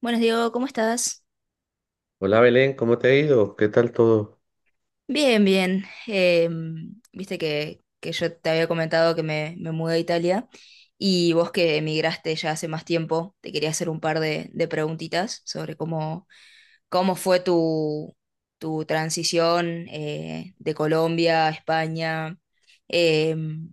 Buenos Diego, ¿cómo estás? Hola Belén, ¿cómo te ha ido? ¿Qué tal todo? Bien, bien. Viste que yo te había comentado que me mudé a Italia y vos que emigraste ya hace más tiempo, te quería hacer un par de preguntitas sobre cómo fue tu transición de Colombia a España. Em,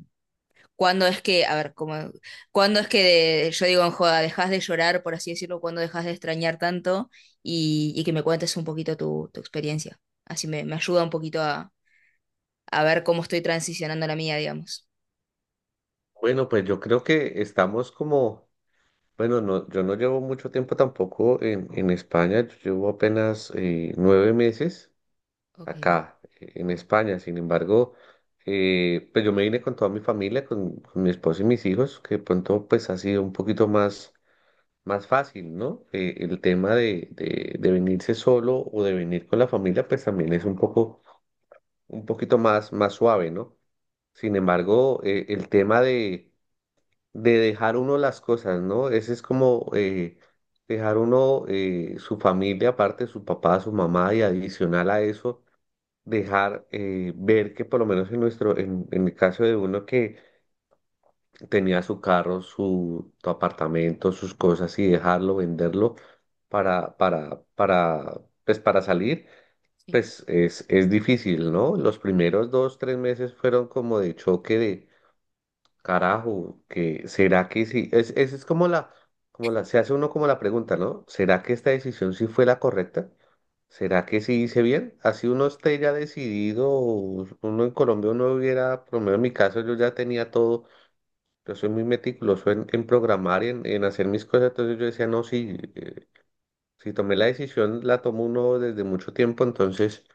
¿Cuándo es que, a ver, como, cuándo es que yo digo en joda, dejas de llorar, por así decirlo, cuándo dejas de extrañar tanto y que me cuentes un poquito tu experiencia? Así me ayuda un poquito a ver cómo estoy transicionando la mía, digamos. Bueno, pues yo creo que estamos como, bueno, no, yo no llevo mucho tiempo tampoco en España, yo llevo apenas 9 meses Ok, acá en España. Sin embargo, pues yo me vine con toda mi familia, con mi esposo y mis hijos, que de pronto pues ha sido un poquito más, fácil, ¿no? El tema de venirse solo o de venir con la familia pues también es un poco, un poquito más suave, ¿no? Sin embargo, el tema de dejar uno las cosas, ¿no? Ese es como dejar uno su familia, aparte su papá, su mamá, y adicional a eso, dejar ver que por lo menos en el caso de uno que tenía su carro, su apartamento, sus cosas, y dejarlo, venderlo para, para, para, pues para salir. sí. Pues es difícil, ¿no? Los primeros dos, tres meses fueron como de choque. Carajo, que será que sí. Esa es se hace uno como la pregunta, ¿no? ¿Será que esta decisión sí fue la correcta? ¿Será que sí hice bien? Así uno esté ya decidido, o uno en Colombia uno hubiera, por lo menos en mi caso yo ya tenía todo, yo soy muy meticuloso en programar y en hacer mis cosas. Entonces yo decía, no, sí, si tomé la decisión, la tomó uno desde mucho tiempo, entonces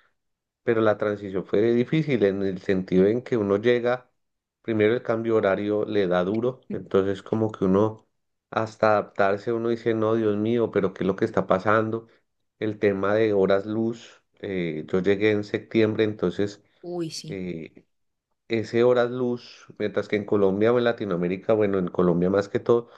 pero la transición fue difícil en el sentido en que uno llega, primero el cambio horario le da duro. Entonces como que uno hasta adaptarse uno dice, no, Dios mío, pero ¿qué es lo que está pasando? El tema de horas luz, yo llegué en septiembre, entonces Uy, sí. eh, ese horas luz, mientras que en Colombia o en Latinoamérica, bueno, en Colombia más que todo,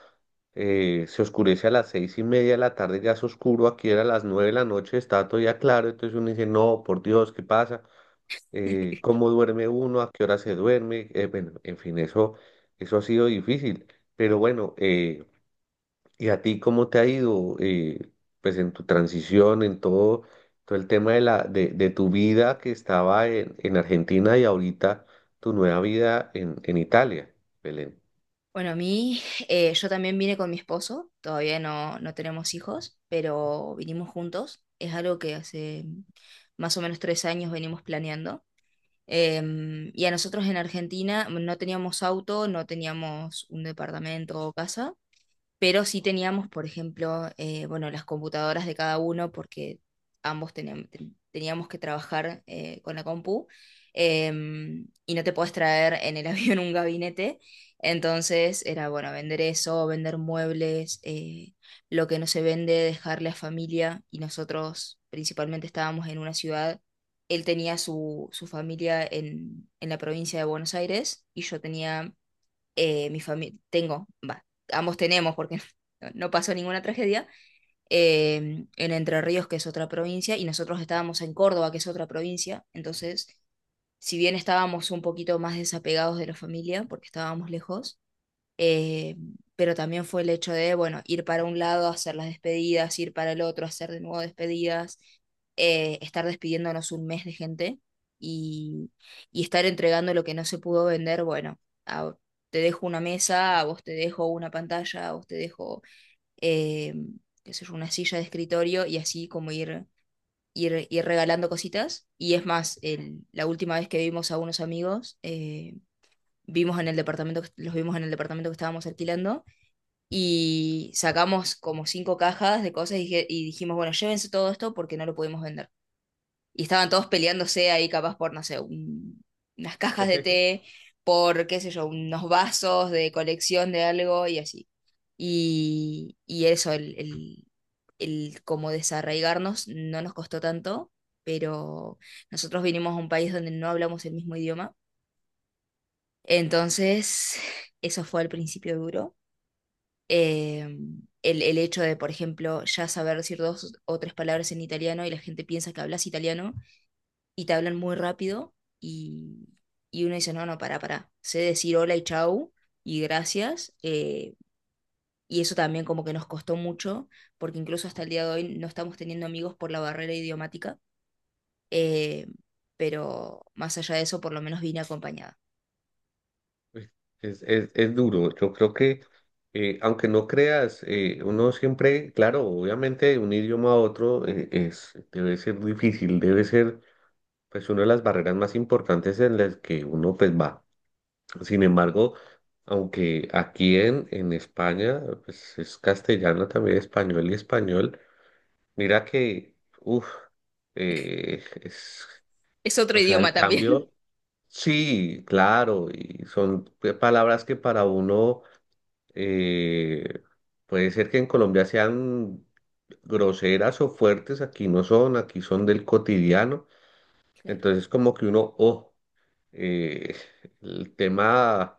se oscurece a las 6:30 de la tarde, ya es oscuro, aquí era a las 9 de la noche, está todavía claro. Entonces uno dice, no, por Dios, ¿qué pasa? Cómo duerme uno, a qué hora se duerme, bueno, en fin, eso, ha sido difícil. Pero bueno, ¿y a ti cómo te ha ido, pues en tu transición, en todo el tema de tu vida que estaba en Argentina y ahorita tu nueva vida en Italia, Belén? Bueno, a mí, yo también vine con mi esposo, todavía no tenemos hijos, pero vinimos juntos. Es algo que hace más o menos 3 años venimos planeando. Y a nosotros en Argentina no teníamos auto, no teníamos un departamento o casa, pero sí teníamos, por ejemplo, bueno, las computadoras de cada uno, porque ambos teníamos, teníamos que trabajar con la compu, y no te podés traer en el avión un gabinete, entonces era, bueno, vender eso, vender muebles, lo que no se vende, dejarle a familia, y nosotros principalmente estábamos en una ciudad. Él tenía su familia en la provincia de Buenos Aires y yo tenía mi familia, tengo, va, ambos tenemos porque no pasó ninguna tragedia, en Entre Ríos, que es otra provincia, y nosotros estábamos en Córdoba, que es otra provincia, entonces, si bien estábamos un poquito más desapegados de la familia, porque estábamos lejos, eh, pero también fue el hecho de, bueno, ir para un lado, hacer las despedidas, ir para el otro, hacer de nuevo despedidas, estar despidiéndonos 1 mes de gente y, y estar entregando lo que no se pudo vender, bueno, a- te dejo una mesa, a vos te dejo una pantalla, a vos te dejo, eh, qué sé yo, una silla de escritorio y así como ir... Ir regalando cositas. Y es más, la última vez que vimos a unos amigos, vimos en el departamento, que- los vimos en el departamento que estábamos alquilando y sacamos como 5 cajas de cosas y dijimos, bueno, llévense todo esto porque no lo pudimos vender. Y estaban todos peleándose ahí capaz por, no sé, unas cajas de té, por, qué sé yo, unos vasos de colección de algo y así. Y eso, el como desarraigarnos no nos costó tanto, pero nosotros vinimos a un país donde no hablamos el mismo idioma. Entonces, eso fue al principio duro, eh, el hecho de, por ejemplo, ya saber decir 2 o 3 palabras en italiano y la gente piensa que hablas italiano y te hablan muy rápido y, y uno dice, no, no, pará, sé decir hola y chau y gracias. Y eso también como que nos costó mucho, porque incluso hasta el día de hoy no estamos teniendo amigos por la barrera idiomática, eh, pero más allá de eso, por lo menos vine acompañada. Pues, es duro, yo creo que, aunque no creas, uno siempre, claro, obviamente de un idioma a otro debe ser difícil, debe ser pues una de las barreras más importantes en las que uno pues va. Sin embargo, aunque aquí en España, pues es castellano también, español y español, mira que, uff, es, Es otro o sea, idioma el también. cambio, sí, claro, y son palabras que para uno eh, puede ser que en Colombia sean groseras o fuertes, aquí no son, aquí son del cotidiano. Claro. Entonces como que uno, oh, eh, el tema,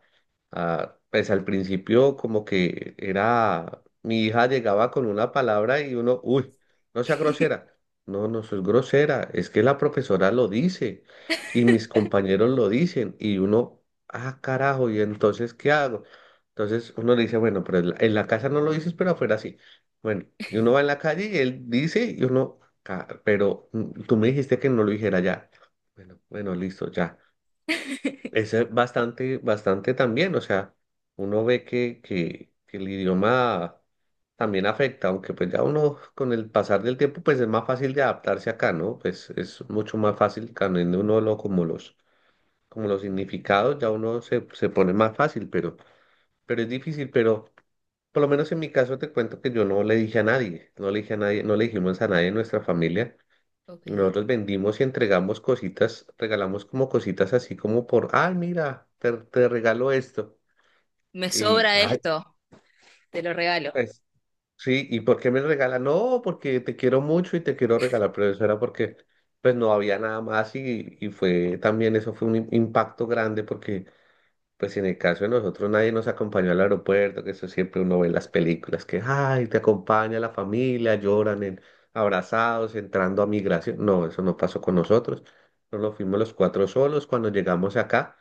ah, pues al principio como que era, mi hija llegaba con una palabra y uno, uy, no sea grosera. No, no soy grosera, es que la profesora lo dice y mis compañeros lo dicen y uno, ah, carajo, ¿y entonces qué hago? Entonces uno le dice, bueno, pero en la, casa no lo dices, pero afuera sí. Bueno, y uno va en la calle y él dice y uno, Pero tú me dijiste que no lo dijera ya". Bueno, bueno, listo, ya. Es bastante, bastante también, o sea, uno ve que, que el idioma también afecta, aunque pues ya uno con el pasar del tiempo pues es más fácil de adaptarse acá, ¿no? Pues es mucho más fácil también uno lo, como los significados, ya uno se pone más fácil, pero, es difícil, pero por lo menos en mi caso te cuento que yo no le dije a nadie, no le dije a nadie, no le dijimos a nadie en nuestra familia. Ok. Nosotros vendimos y entregamos cositas, regalamos como cositas así como por, ay, mira, te, regalo esto. Me Y, sobra ay, esto, te lo regalo. pues, sí, ¿y por qué me regala? No, porque te quiero mucho y te quiero regalar, pero eso era porque, pues, no había nada más y fue también, eso fue un impacto grande porque pues si en el caso de nosotros nadie nos acompañó al aeropuerto, que eso siempre uno ve en las películas, que, ay, te acompaña la familia, lloran abrazados, entrando a migración. No, eso no pasó con nosotros. Nos fuimos los cuatro solos. Cuando llegamos acá,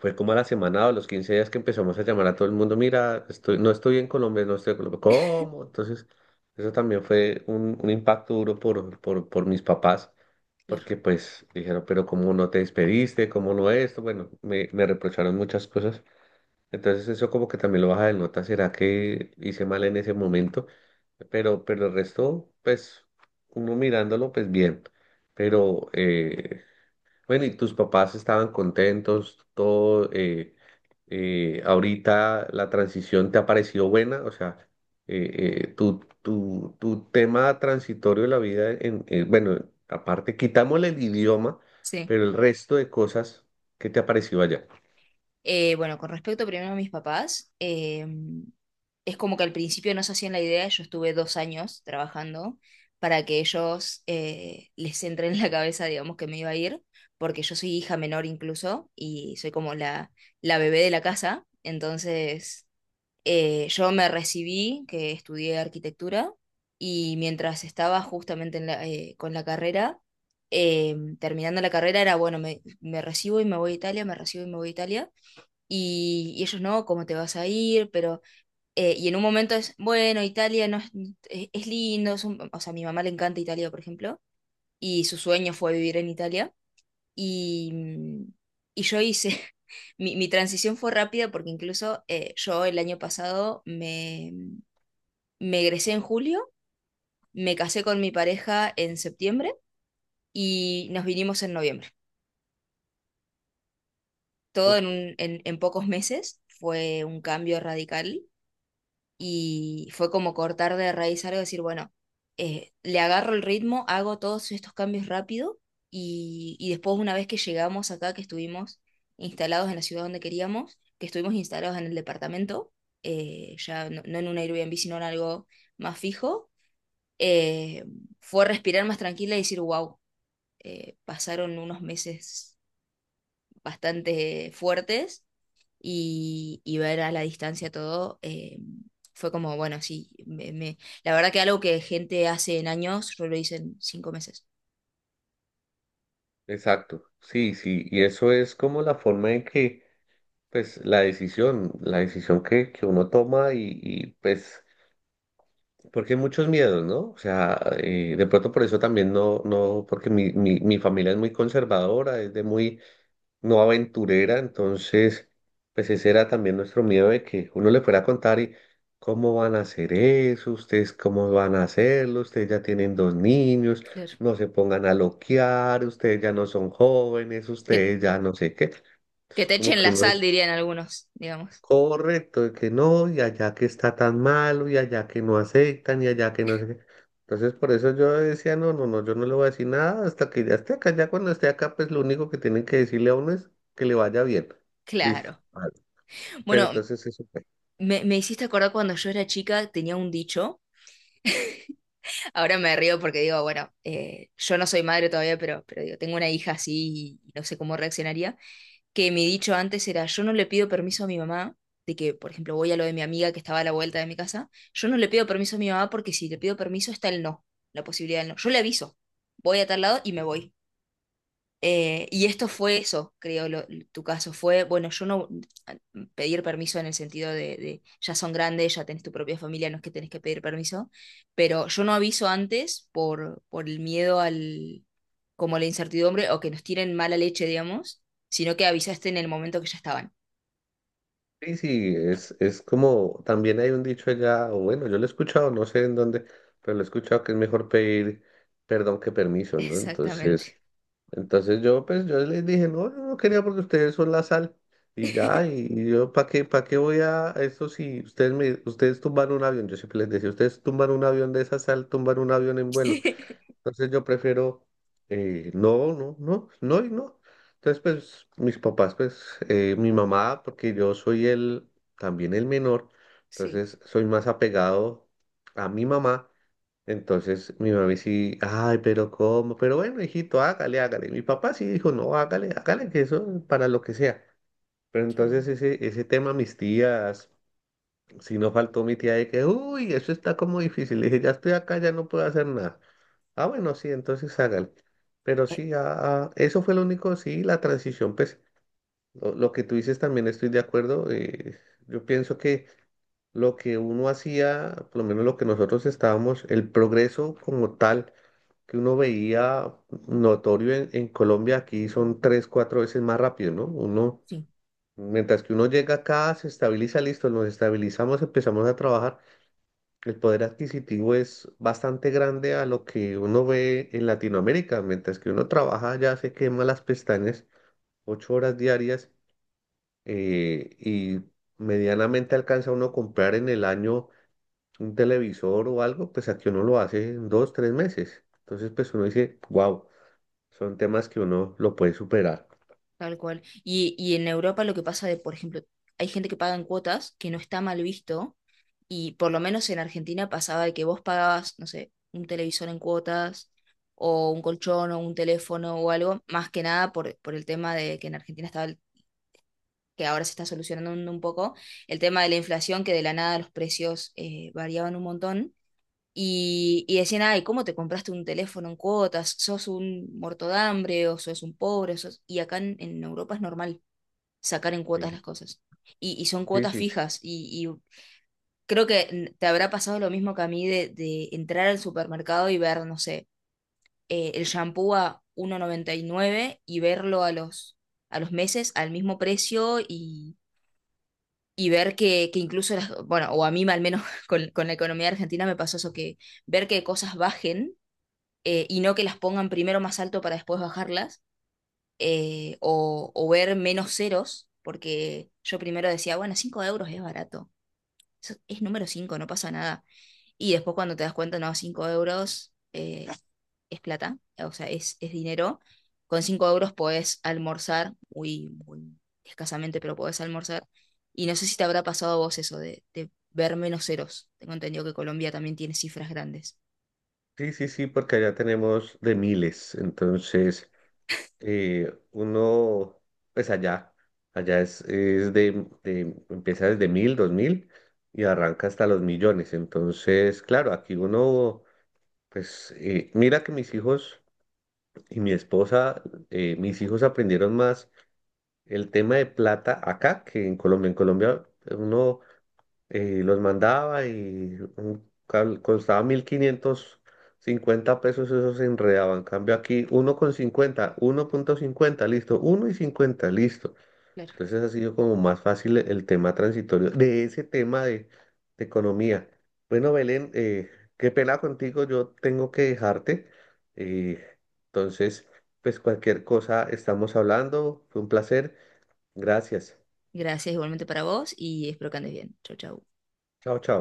fue como a la semana o los 15 días que empezamos a llamar a todo el mundo, mira, no estoy en Colombia, no estoy en Colombia. ¿Cómo? Entonces, eso también fue un impacto duro por, mis papás Claro. porque pues dijeron, pero cómo no te despediste, cómo no esto, bueno, me reprocharon muchas cosas, entonces eso como que también lo baja de nota, ¿será que hice mal en ese momento? pero el resto, pues, uno mirándolo, pues bien. Pero, bueno, ¿y tus papás estaban contentos? Todo, ahorita la transición te ha parecido buena, o sea, tu tema transitorio de la vida, bueno, aparte, quitámosle el idioma, Sí. pero el resto de cosas, ¿qué te ha parecido allá? Bueno, con respecto primero a mis papás, es como que al principio no se hacían la idea, yo estuve 2 años trabajando para que ellos les entre en la cabeza, digamos, que me iba a ir, porque yo soy hija menor incluso y soy como la bebé de la casa, entonces. Yo me recibí, que estudié arquitectura, y mientras estaba justamente en con la carrera, terminando la carrera era, bueno, me recibo y me voy a Italia, me recibo y me voy a Italia, y ellos no, ¿cómo te vas a ir? Pero, y en un momento es, bueno, Italia no es, es lindo, o sea, a mi mamá le encanta Italia, por ejemplo, y su sueño fue vivir en Italia. Y, y yo hice, mi transición fue rápida porque incluso yo el año pasado me egresé en julio, me casé con mi pareja en septiembre y nos vinimos en noviembre. Todo en, en pocos meses fue un cambio radical y fue como cortar de raíz algo, decir, bueno, le agarro el ritmo, hago todos estos cambios rápido y después una vez que llegamos acá, que estuvimos instalados en la ciudad donde queríamos, que estuvimos instalados en el departamento, ya no en un Airbnb, sino en algo más fijo, eh, fue respirar más tranquila y decir, wow, pasaron unos meses bastante fuertes y ver a la distancia todo, fue como, bueno, sí, la verdad que algo que gente hace en años, yo lo hice en 5 meses. Exacto, sí, sí, y eso es como la forma en que, pues, la decisión, que uno toma y, pues, porque hay muchos miedos, ¿no? O sea, de pronto por eso también no, no, porque mi familia es muy conservadora, es de muy, no aventurera. Entonces, pues ese era también nuestro miedo de que uno le fuera a contar y cómo van a hacer eso, ustedes cómo van a hacerlo, ustedes ya tienen dos niños, Claro. no se pongan a loquear, ustedes ya no son jóvenes, Que, ustedes ya no sé qué. que Entonces, te como echen que la uno. sal, dirían algunos, digamos. Correcto, de que no, y allá que está tan malo, y allá que no aceptan, y allá que no sé qué. Entonces, por eso yo decía, no, no, no, yo no le voy a decir nada hasta que ya esté acá. Ya cuando esté acá, pues lo único que tienen que decirle a uno es que le vaya bien. Listo. Claro. Vale. Pero Bueno, entonces eso fue. Me hiciste acordar cuando yo era chica, tenía un dicho. Ahora me río porque digo, bueno, yo no soy madre todavía, pero digo, tengo una hija así y no sé cómo reaccionaría, que mi dicho antes era, yo no le pido permiso a mi mamá, de que, por ejemplo, voy a lo de mi amiga que estaba a la vuelta de mi casa, yo no le pido permiso a mi mamá porque si le pido permiso está el no, la posibilidad del no. Yo le aviso, voy a tal lado y me voy. Y esto fue eso, creo, tu caso. Fue, bueno, yo no pedir permiso en el sentido de ya son grandes, ya tenés tu propia familia, no es que tenés que pedir permiso, pero yo no aviso antes por el miedo al, como la incertidumbre o que nos tiren mala leche, digamos, sino que avisaste en el momento que ya estaban. Sí, sí, es como, también hay un dicho allá, o bueno, yo lo he escuchado, no sé en dónde, pero lo he escuchado que es mejor pedir perdón que permiso, ¿no? Entonces... Exactamente. Entonces pues, yo les dije, no, yo no quería porque ustedes son la sal. Y ya, y yo, ¿para qué, voy a eso si ustedes tumban un avión? Yo siempre les decía, ustedes tumban un avión de esa sal, tumban un avión en vuelo. Entonces yo prefiero, no, no, no, no y no. Entonces, pues, mis papás, pues, mi mamá, porque yo soy el, también el menor, Sí, entonces soy más apegado a mi mamá. Entonces mi mami sí, ay, pero ¿cómo? Pero bueno, hijito, hágale, hágale. Mi papá sí dijo, no, hágale, hágale, que eso es para lo que sea. Pero yo, entonces bueno. ese, tema, mis tías, si no faltó mi tía de que, uy, eso está como difícil. Le dije, ya estoy acá, ya no puedo hacer nada. Ah, bueno, sí, entonces hágale. Pero Eh, sí, ah, eso fue lo único, sí, la transición, pues lo que tú dices también estoy de acuerdo. Yo pienso que lo que uno hacía, por lo menos lo que nosotros estábamos, el progreso como tal que uno veía notorio en Colombia, aquí son tres, cuatro veces más rápido, ¿no? Uno, sí, mientras que uno llega acá, se estabiliza, listo, nos estabilizamos, empezamos a trabajar. El poder adquisitivo es bastante grande a lo que uno ve en Latinoamérica, mientras que uno trabaja ya se quema las pestañas, 8 horas diarias, y medianamente alcanza uno a comprar en el año un televisor o algo, pues aquí uno lo hace en dos, tres meses. Entonces, pues uno dice, wow. Son temas que uno lo puede superar. tal cual. Y en Europa lo que pasa de, por ejemplo, hay gente que paga en cuotas, que no está mal visto. Y por lo menos en Argentina pasaba de que vos pagabas, no sé, un televisor en cuotas o un colchón o un teléfono o algo, más que nada por, por el tema de que en Argentina estaba, que ahora se está solucionando un poco, el tema de la inflación, que de la nada los precios variaban un montón. Y decían, ay, ¿cómo te compraste un teléfono en cuotas? ¿Sos un muerto de hambre o sos un pobre? Y acá en Europa es normal sacar en Sí, cuotas las cosas. Y son sí, cuotas sí, fijas y creo que te habrá pasado lo mismo que a mí de entrar al supermercado y ver, no sé, el shampoo a 1,99 y nueve y verlo a los meses al mismo precio y ver que incluso, las, bueno, o a mí al menos con la economía argentina me pasó eso, que ver que cosas bajen y no que las pongan primero más alto para después bajarlas, o ver menos ceros, porque yo primero decía, bueno, 5 euros es barato, eso es número 5 no pasa nada. Y después cuando te das cuenta, no, 5 euros es plata, o sea, es dinero. Con 5 euros podés almorzar, muy, muy escasamente, pero podés almorzar. Y no sé si te habrá pasado a vos eso de ver menos ceros. Tengo entendido que Colombia también tiene cifras grandes. sí, sí, sí, porque allá tenemos de miles. Entonces, uno, pues allá, allá es de, empieza desde 1000, 2000 y arranca hasta los millones. Entonces, claro, aquí uno, pues, mira que mis hijos y mi esposa, mis hijos aprendieron más el tema de plata acá que en Colombia. En Colombia uno y los mandaba y un costaba 1550 pesos, eso se enredaba. En cambio aquí, uno con cincuenta, uno punto cincuenta listo, uno y cincuenta listo. Claro. Entonces ha sido como más fácil el tema transitorio de ese tema de economía. Bueno, Belén, qué pena contigo, yo tengo que dejarte. eh, entonces, pues cualquier cosa estamos hablando, fue un placer. Gracias. Gracias igualmente para vos y espero que andes bien. Chau, chau. Chao, chao.